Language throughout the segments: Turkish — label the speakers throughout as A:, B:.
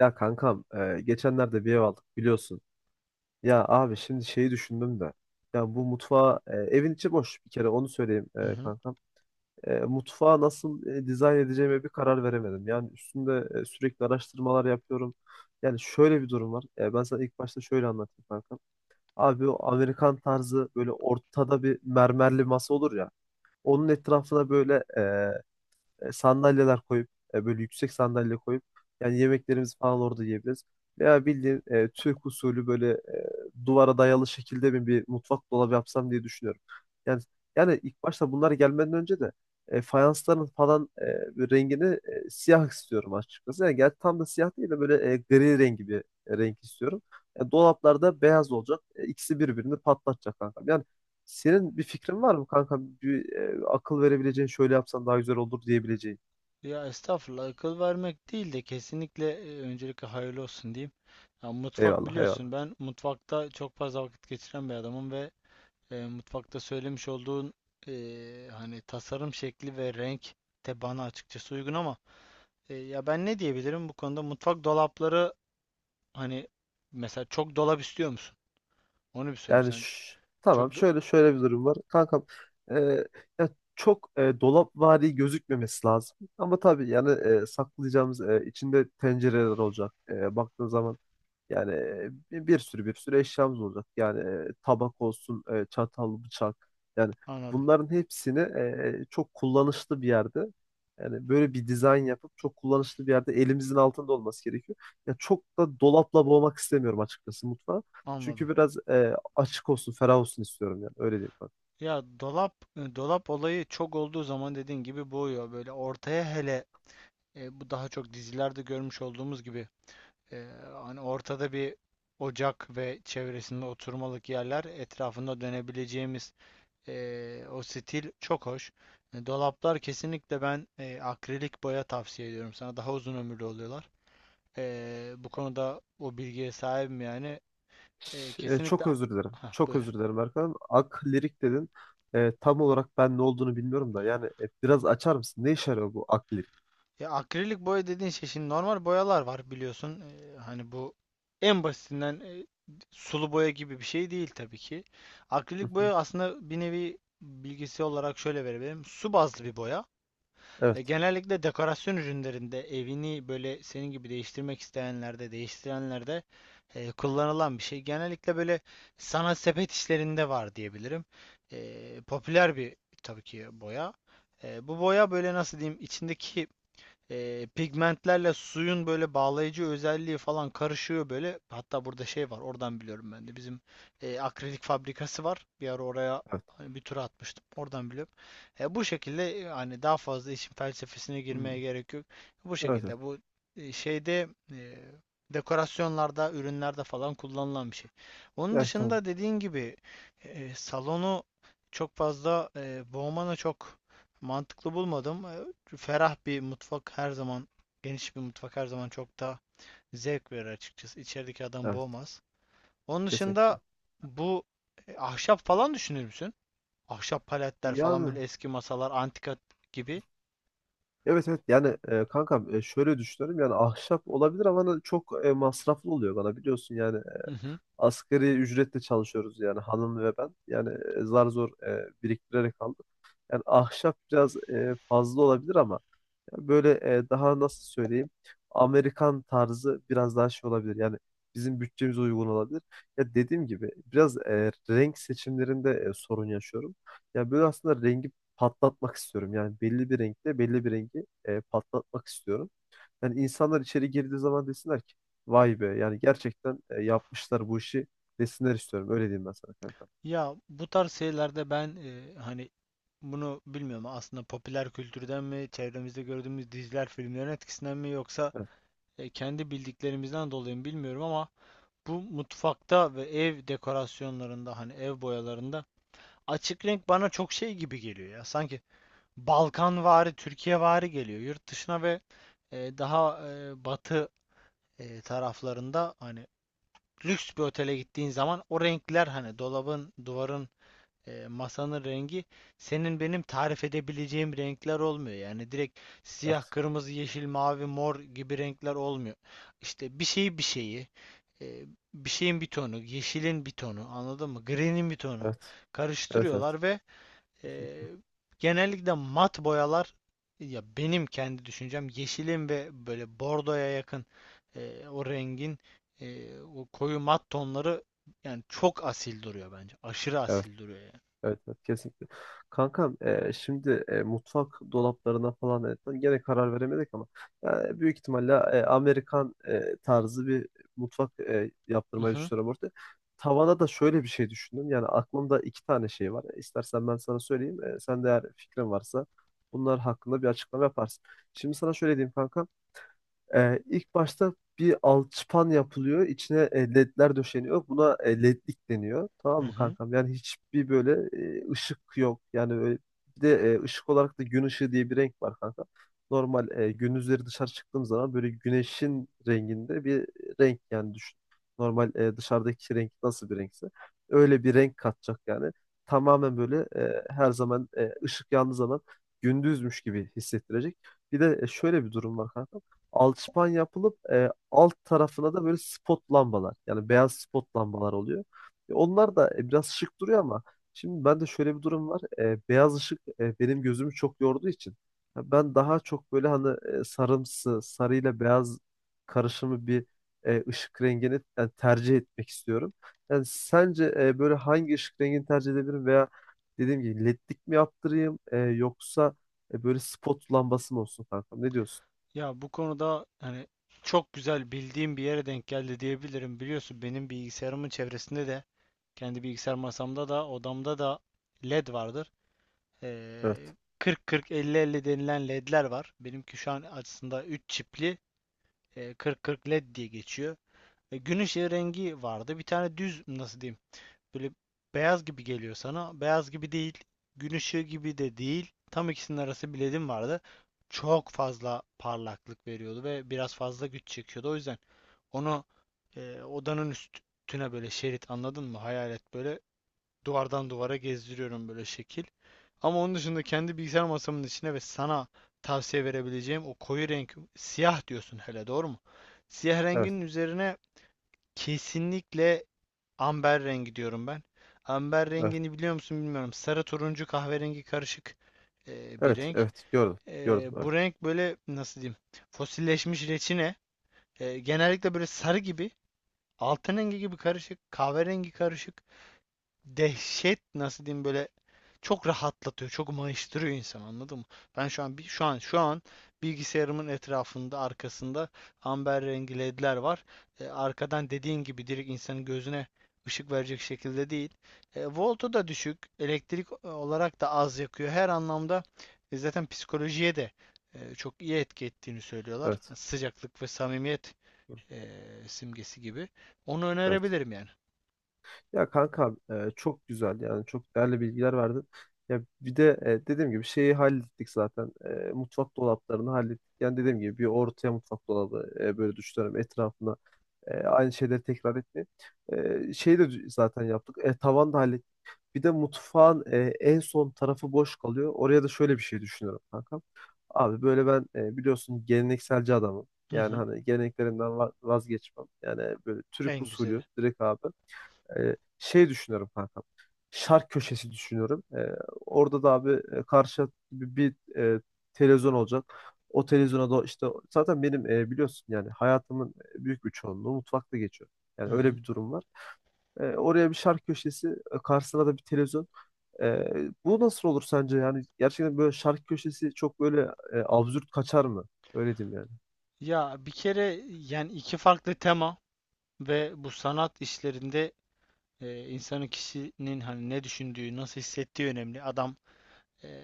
A: Ya kankam, geçenlerde bir ev aldık biliyorsun. Ya abi şimdi şeyi düşündüm de. Ya bu mutfağı, evin içi boş bir kere onu söyleyeyim
B: Hı hı.
A: kankam. Mutfağı nasıl dizayn edeceğime bir karar veremedim. Yani üstünde sürekli araştırmalar yapıyorum. Yani şöyle bir durum var. Ben sana ilk başta şöyle anlatayım kankam. Abi o Amerikan tarzı böyle ortada bir mermerli masa olur ya. Onun etrafına böyle sandalyeler koyup böyle yüksek sandalye koyup yani yemeklerimizi falan orada yiyebiliriz. Veya bildiğin Türk usulü böyle duvara dayalı şekilde mi bir mutfak dolabı yapsam diye düşünüyorum. Yani yani ilk başta bunlar gelmeden önce de fayansların falan bir rengini siyah istiyorum açıkçası. Yani gerçi tam da siyah değil de böyle gri rengi bir renk istiyorum. Dolaplarda beyaz olacak. İkisi birbirini patlatacak kanka. Yani senin bir fikrin var mı kanka? Bir, akıl verebileceğin şöyle yapsan daha güzel olur diyebileceğin.
B: Ya estağfurullah akıl vermek değil de kesinlikle öncelikle hayırlı olsun diyeyim. Ya mutfak
A: Eyvallah,
B: biliyorsun
A: eyvallah.
B: ben mutfakta çok fazla vakit geçiren bir adamım ve mutfakta söylemiş olduğun hani tasarım şekli ve renk de bana açıkçası uygun ama ya ben ne diyebilirim bu konuda mutfak dolapları hani mesela çok dolap istiyor musun? Onu bir sorayım
A: Yani
B: sen.
A: ş-
B: Çok
A: tamam
B: do-
A: şöyle bir durum var. Kankam, e, ya çok dolapvari gözükmemesi lazım. Ama tabii yani saklayacağımız içinde tencereler olacak. Baktığın zaman yani bir, bir sürü bir sürü eşyamız olacak. Yani tabak olsun, çatal, bıçak. Yani
B: Anladım.
A: bunların hepsini çok kullanışlı bir yerde yani böyle bir dizayn yapıp çok kullanışlı bir yerde elimizin altında olması gerekiyor. Ya çok da dolapla boğmak istemiyorum açıkçası mutfağı. Çünkü
B: Anladım.
A: biraz açık olsun, ferah olsun istiyorum yani. Öyle diyeyim bak.
B: Ya dolap dolap olayı çok olduğu zaman dediğin gibi boğuyor. Böyle ortaya hele, bu daha çok dizilerde görmüş olduğumuz gibi e, hani ortada bir ocak ve çevresinde oturmalık yerler etrafında dönebileceğimiz o stil çok hoş. Dolaplar kesinlikle ben akrilik boya tavsiye ediyorum sana. Daha uzun ömürlü oluyorlar. Bu konuda o bilgiye sahibim yani. E, kesinlikle...
A: Çok özür dilerim.
B: Hah,
A: Çok özür
B: buyur.
A: dilerim Erkan. Ak lirik dedin. Tam olarak ben ne olduğunu bilmiyorum da. Yani biraz açar mısın? Ne işe yarıyor bu ak lirik?
B: Ya akrilik boya dediğin şey şimdi normal boyalar var biliyorsun. Hani bu en basitinden sulu boya gibi bir şey değil tabii ki. Akrilik
A: Hı hı.
B: boya aslında bir nevi bilgisi olarak şöyle verebilirim. Su bazlı bir boya.
A: Evet.
B: Genellikle dekorasyon ürünlerinde evini böyle senin gibi değiştirmek isteyenlerde, değiştirenlerde kullanılan bir şey. Genellikle böyle sanat sepet işlerinde var diyebilirim. Popüler bir tabii ki boya. Bu boya böyle nasıl diyeyim içindeki pigmentlerle suyun böyle bağlayıcı özelliği falan karışıyor böyle. Hatta burada şey var, oradan biliyorum ben de. Bizim akrilik fabrikası var. Bir ara oraya
A: Evet.
B: hani bir tura atmıştım. Oradan biliyorum. Bu şekilde hani daha fazla işin felsefesine girmeye
A: Hmm.
B: gerek yok. Bu
A: Evet, evet.
B: şekilde bu e, şeyde e, dekorasyonlarda, ürünlerde falan kullanılan bir şey. Onun
A: Evet, tamam.
B: dışında dediğin gibi salonu çok fazla boğmana çok mantıklı bulmadım. Ferah bir mutfak her zaman, geniş bir mutfak her zaman çok daha zevk verir açıkçası. İçerideki adam
A: Evet.
B: boğmaz. Onun dışında
A: Kesinlikle.
B: bu ahşap falan düşünür müsün? Ahşap paletler falan
A: Yani
B: böyle eski masalar, antika gibi.
A: evet, evet, yani kankam, şöyle düşünüyorum yani ahşap olabilir ama hani çok masraflı oluyor bana biliyorsun yani
B: Hı hı.
A: asgari ücretle çalışıyoruz yani hanım ve ben. Yani zar zor biriktirerek aldık. Yani ahşap biraz fazla olabilir ama yani böyle daha nasıl söyleyeyim, Amerikan tarzı biraz daha şey olabilir. Yani bizim bütçemize uygun olabilir. Ya dediğim gibi biraz renk seçimlerinde sorun yaşıyorum. Ya böyle aslında rengi patlatmak istiyorum. Yani belli bir renkte belli bir rengi patlatmak istiyorum. Yani insanlar içeri girdiği zaman desinler ki vay be, yani gerçekten yapmışlar bu işi desinler istiyorum. Öyle diyeyim ben sana kanka.
B: Ya bu tarz şeylerde ben hani bunu bilmiyorum aslında popüler kültürden mi, çevremizde gördüğümüz diziler, filmlerin etkisinden mi yoksa
A: Evet,
B: kendi bildiklerimizden dolayı mı bilmiyorum ama bu mutfakta ve ev dekorasyonlarında hani ev boyalarında açık renk bana çok şey gibi geliyor ya. Sanki Balkanvari, Türkiyevari geliyor. Yurt dışına ve daha batı taraflarında hani lüks bir otele gittiğin zaman o renkler hani dolabın, duvarın masanın rengi senin benim tarif edebileceğim renkler olmuyor. Yani direkt siyah,
A: evet,
B: kırmızı, yeşil, mavi, mor gibi renkler olmuyor. İşte e, bir şeyin bir tonu, yeşilin bir tonu, anladın mı? Green'in bir tonu
A: evet, evet, evet.
B: karıştırıyorlar ve e,
A: Kesinlikle.
B: genellikle mat boyalar, ya benim kendi düşüncem yeşilin ve böyle bordoya yakın o rengin o koyu mat tonları yani çok asil duruyor bence. Aşırı
A: Evet.
B: asil duruyor yani.
A: Evet, evet, kesinlikle. Kankam, şimdi mutfak dolaplarına falan gene karar veremedik ama büyük ihtimalle Amerikan tarzı bir mutfak
B: Hı
A: yaptırmayı
B: hı,
A: düşünüyorum orada. Tavana da şöyle bir şey düşündüm. Yani aklımda iki tane şey var. İstersen ben sana söyleyeyim. Sen de eğer fikrin varsa bunlar hakkında bir açıklama yaparsın. Şimdi sana şöyle diyeyim kankam. İlk başta bir alçıpan yapılıyor. İçine ledler döşeniyor. Buna ledlik deniyor.
B: hı
A: Tamam mı
B: hı.
A: kankam? Yani hiçbir böyle ışık yok. Yani öyle, bir de ışık olarak da gün ışığı diye bir renk var kanka. Normal gündüzleri dışarı çıktığım zaman böyle güneşin renginde bir renk yani düşün. Normal dışarıdaki renk nasıl bir renkse. Öyle bir renk katacak yani. Tamamen böyle her zaman ışık yandığı zaman gündüzmüş gibi hissettirecek. Bir de şöyle bir durum var kanka, alçıpan yapılıp alt tarafına da böyle spot lambalar yani beyaz spot lambalar oluyor. Onlar da biraz şık duruyor ama şimdi bende şöyle bir durum var. Beyaz ışık benim gözümü çok yorduğu için ya ben daha çok böyle hani sarımsı, sarıyla beyaz karışımı bir ışık rengini yani tercih etmek istiyorum. Yani sence böyle hangi ışık rengini tercih edebilirim veya dediğim gibi ledlik mi yaptırayım yoksa böyle spot lambası mı olsun kankam? Ne diyorsun?
B: Ya bu konuda hani çok güzel bildiğim bir yere denk geldi diyebilirim. Biliyorsun benim bilgisayarımın çevresinde de kendi bilgisayar masamda da odamda da LED vardır. Ee,
A: Evet.
B: 40-40-50-50 denilen LED'ler var. Benimki şu an aslında 3 çipli 40-40 LED diye geçiyor. Gün ışığı rengi vardı. Bir tane düz nasıl diyeyim böyle beyaz gibi geliyor sana. Beyaz gibi değil. Gün ışığı gibi de değil. Tam ikisinin arası bir ledim vardı. Çok fazla parlaklık veriyordu ve biraz fazla güç çekiyordu. O yüzden onu odanın üstüne böyle şerit anladın mı? Hayalet böyle duvardan duvara gezdiriyorum böyle şekil. Ama onun dışında kendi bilgisayar masamın içine ve sana tavsiye verebileceğim o koyu renk siyah diyorsun hele doğru mu? Siyah
A: Evet.
B: rengin üzerine kesinlikle amber rengi diyorum ben. Amber
A: Evet.
B: rengini biliyor musun bilmiyorum. Sarı turuncu kahverengi karışık bir
A: Evet.
B: renk.
A: Evet. Gördüm. Gördüm. Evet.
B: Bu renk böyle nasıl diyeyim? Fosilleşmiş reçine. Genellikle böyle sarı gibi, altın rengi gibi karışık, kahverengi karışık dehşet nasıl diyeyim böyle çok rahatlatıyor, çok mayıştırıyor insan anladın mı? Ben şu an bir şu an şu an bilgisayarımın etrafında arkasında amber rengi ledler var. Arkadan dediğin gibi direkt insanın gözüne ışık verecek şekilde değil. Voltu da düşük, elektrik olarak da az yakıyor. Her anlamda zaten psikolojiye de çok iyi etki ettiğini söylüyorlar.
A: Evet.
B: Sıcaklık ve samimiyet
A: Gördüm.
B: e, simgesi gibi. Onu
A: Evet.
B: önerebilirim yani.
A: Ya kanka, çok güzel yani çok değerli bilgiler verdin. Ya bir de dediğim gibi şeyi hallettik zaten. Mutfak dolaplarını hallettik. Yani dediğim gibi bir ortaya mutfak dolabı böyle düşünüyorum, etrafına aynı şeyleri tekrar etmeyin. Şeyi de zaten yaptık. Tavan da hallettik. Bir de mutfağın en son tarafı boş kalıyor. Oraya da şöyle bir şey düşünüyorum kankam. Abi böyle ben biliyorsun gelenekselci adamım.
B: Hı
A: Yani
B: hı.
A: hani geleneklerimden vazgeçmem. Yani böyle Türk
B: En güzeli.
A: usulü direkt abi. Şey düşünüyorum kankam. Şark köşesi düşünüyorum. Orada da abi karşı televizyon olacak. O televizyona da işte zaten benim biliyorsun yani hayatımın büyük bir çoğunluğu mutfakta geçiyor.
B: Hı
A: Yani öyle
B: hı.
A: bir durum var. Oraya bir şark köşesi, karşısına da bir televizyon. Ee, Bu nasıl olur sence? Yani gerçekten böyle şarkı köşesi çok böyle absürt kaçar mı? Öyle diyeyim yani.
B: Ya bir kere yani iki farklı tema ve bu sanat işlerinde insanın kişinin hani ne düşündüğü, nasıl hissettiği önemli. Adam e,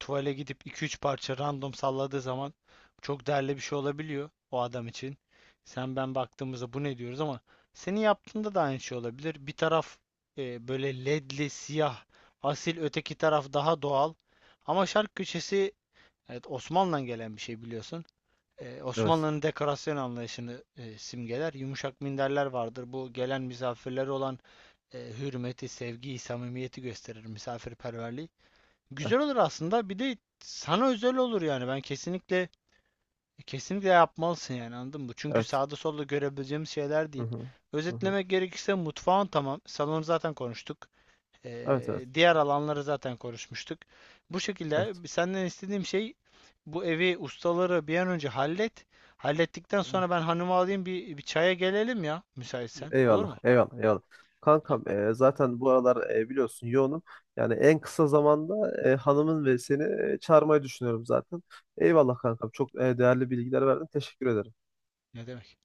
B: tuvale gidip iki üç parça random salladığı zaman çok değerli bir şey olabiliyor o adam için. Sen ben baktığımızda bu ne diyoruz ama senin yaptığında da aynı şey olabilir. Bir taraf böyle ledli, siyah, asil, öteki taraf daha doğal. Ama şark köşesi evet Osmanlı'dan gelen bir şey biliyorsun.
A: Evet.
B: Osmanlı'nın dekorasyon anlayışını simgeler. Yumuşak minderler vardır. Bu gelen misafirlere olan hürmeti, sevgiyi, samimiyeti gösterir misafirperverliği.
A: Evet.
B: Güzel olur aslında. Bir de sana özel olur yani. Ben kesinlikle yapmalısın yani anladın mı? Çünkü
A: Evet.
B: sağda solda görebileceğimiz şeyler
A: Hı
B: değil.
A: hı. Hı hı.
B: Özetlemek gerekirse mutfağın tamam. Salonu zaten konuştuk.
A: Evet, evet.
B: Diğer alanları zaten konuşmuştuk. Bu şekilde
A: Evet.
B: senden istediğim şey bu evi ustaları bir an önce hallet. Hallettikten sonra
A: Evet.
B: ben hanımı alayım bir çaya gelelim ya müsaitsen. Olur
A: Eyvallah.
B: mu?
A: Eyvallah. Eyvallah.
B: Tamam.
A: Kankam, zaten bu aralar biliyorsun yoğunum. Yani en kısa zamanda hanımın ve seni çağırmayı düşünüyorum zaten. Eyvallah kankam. Çok değerli bilgiler verdin. Teşekkür ederim.
B: Ne demek?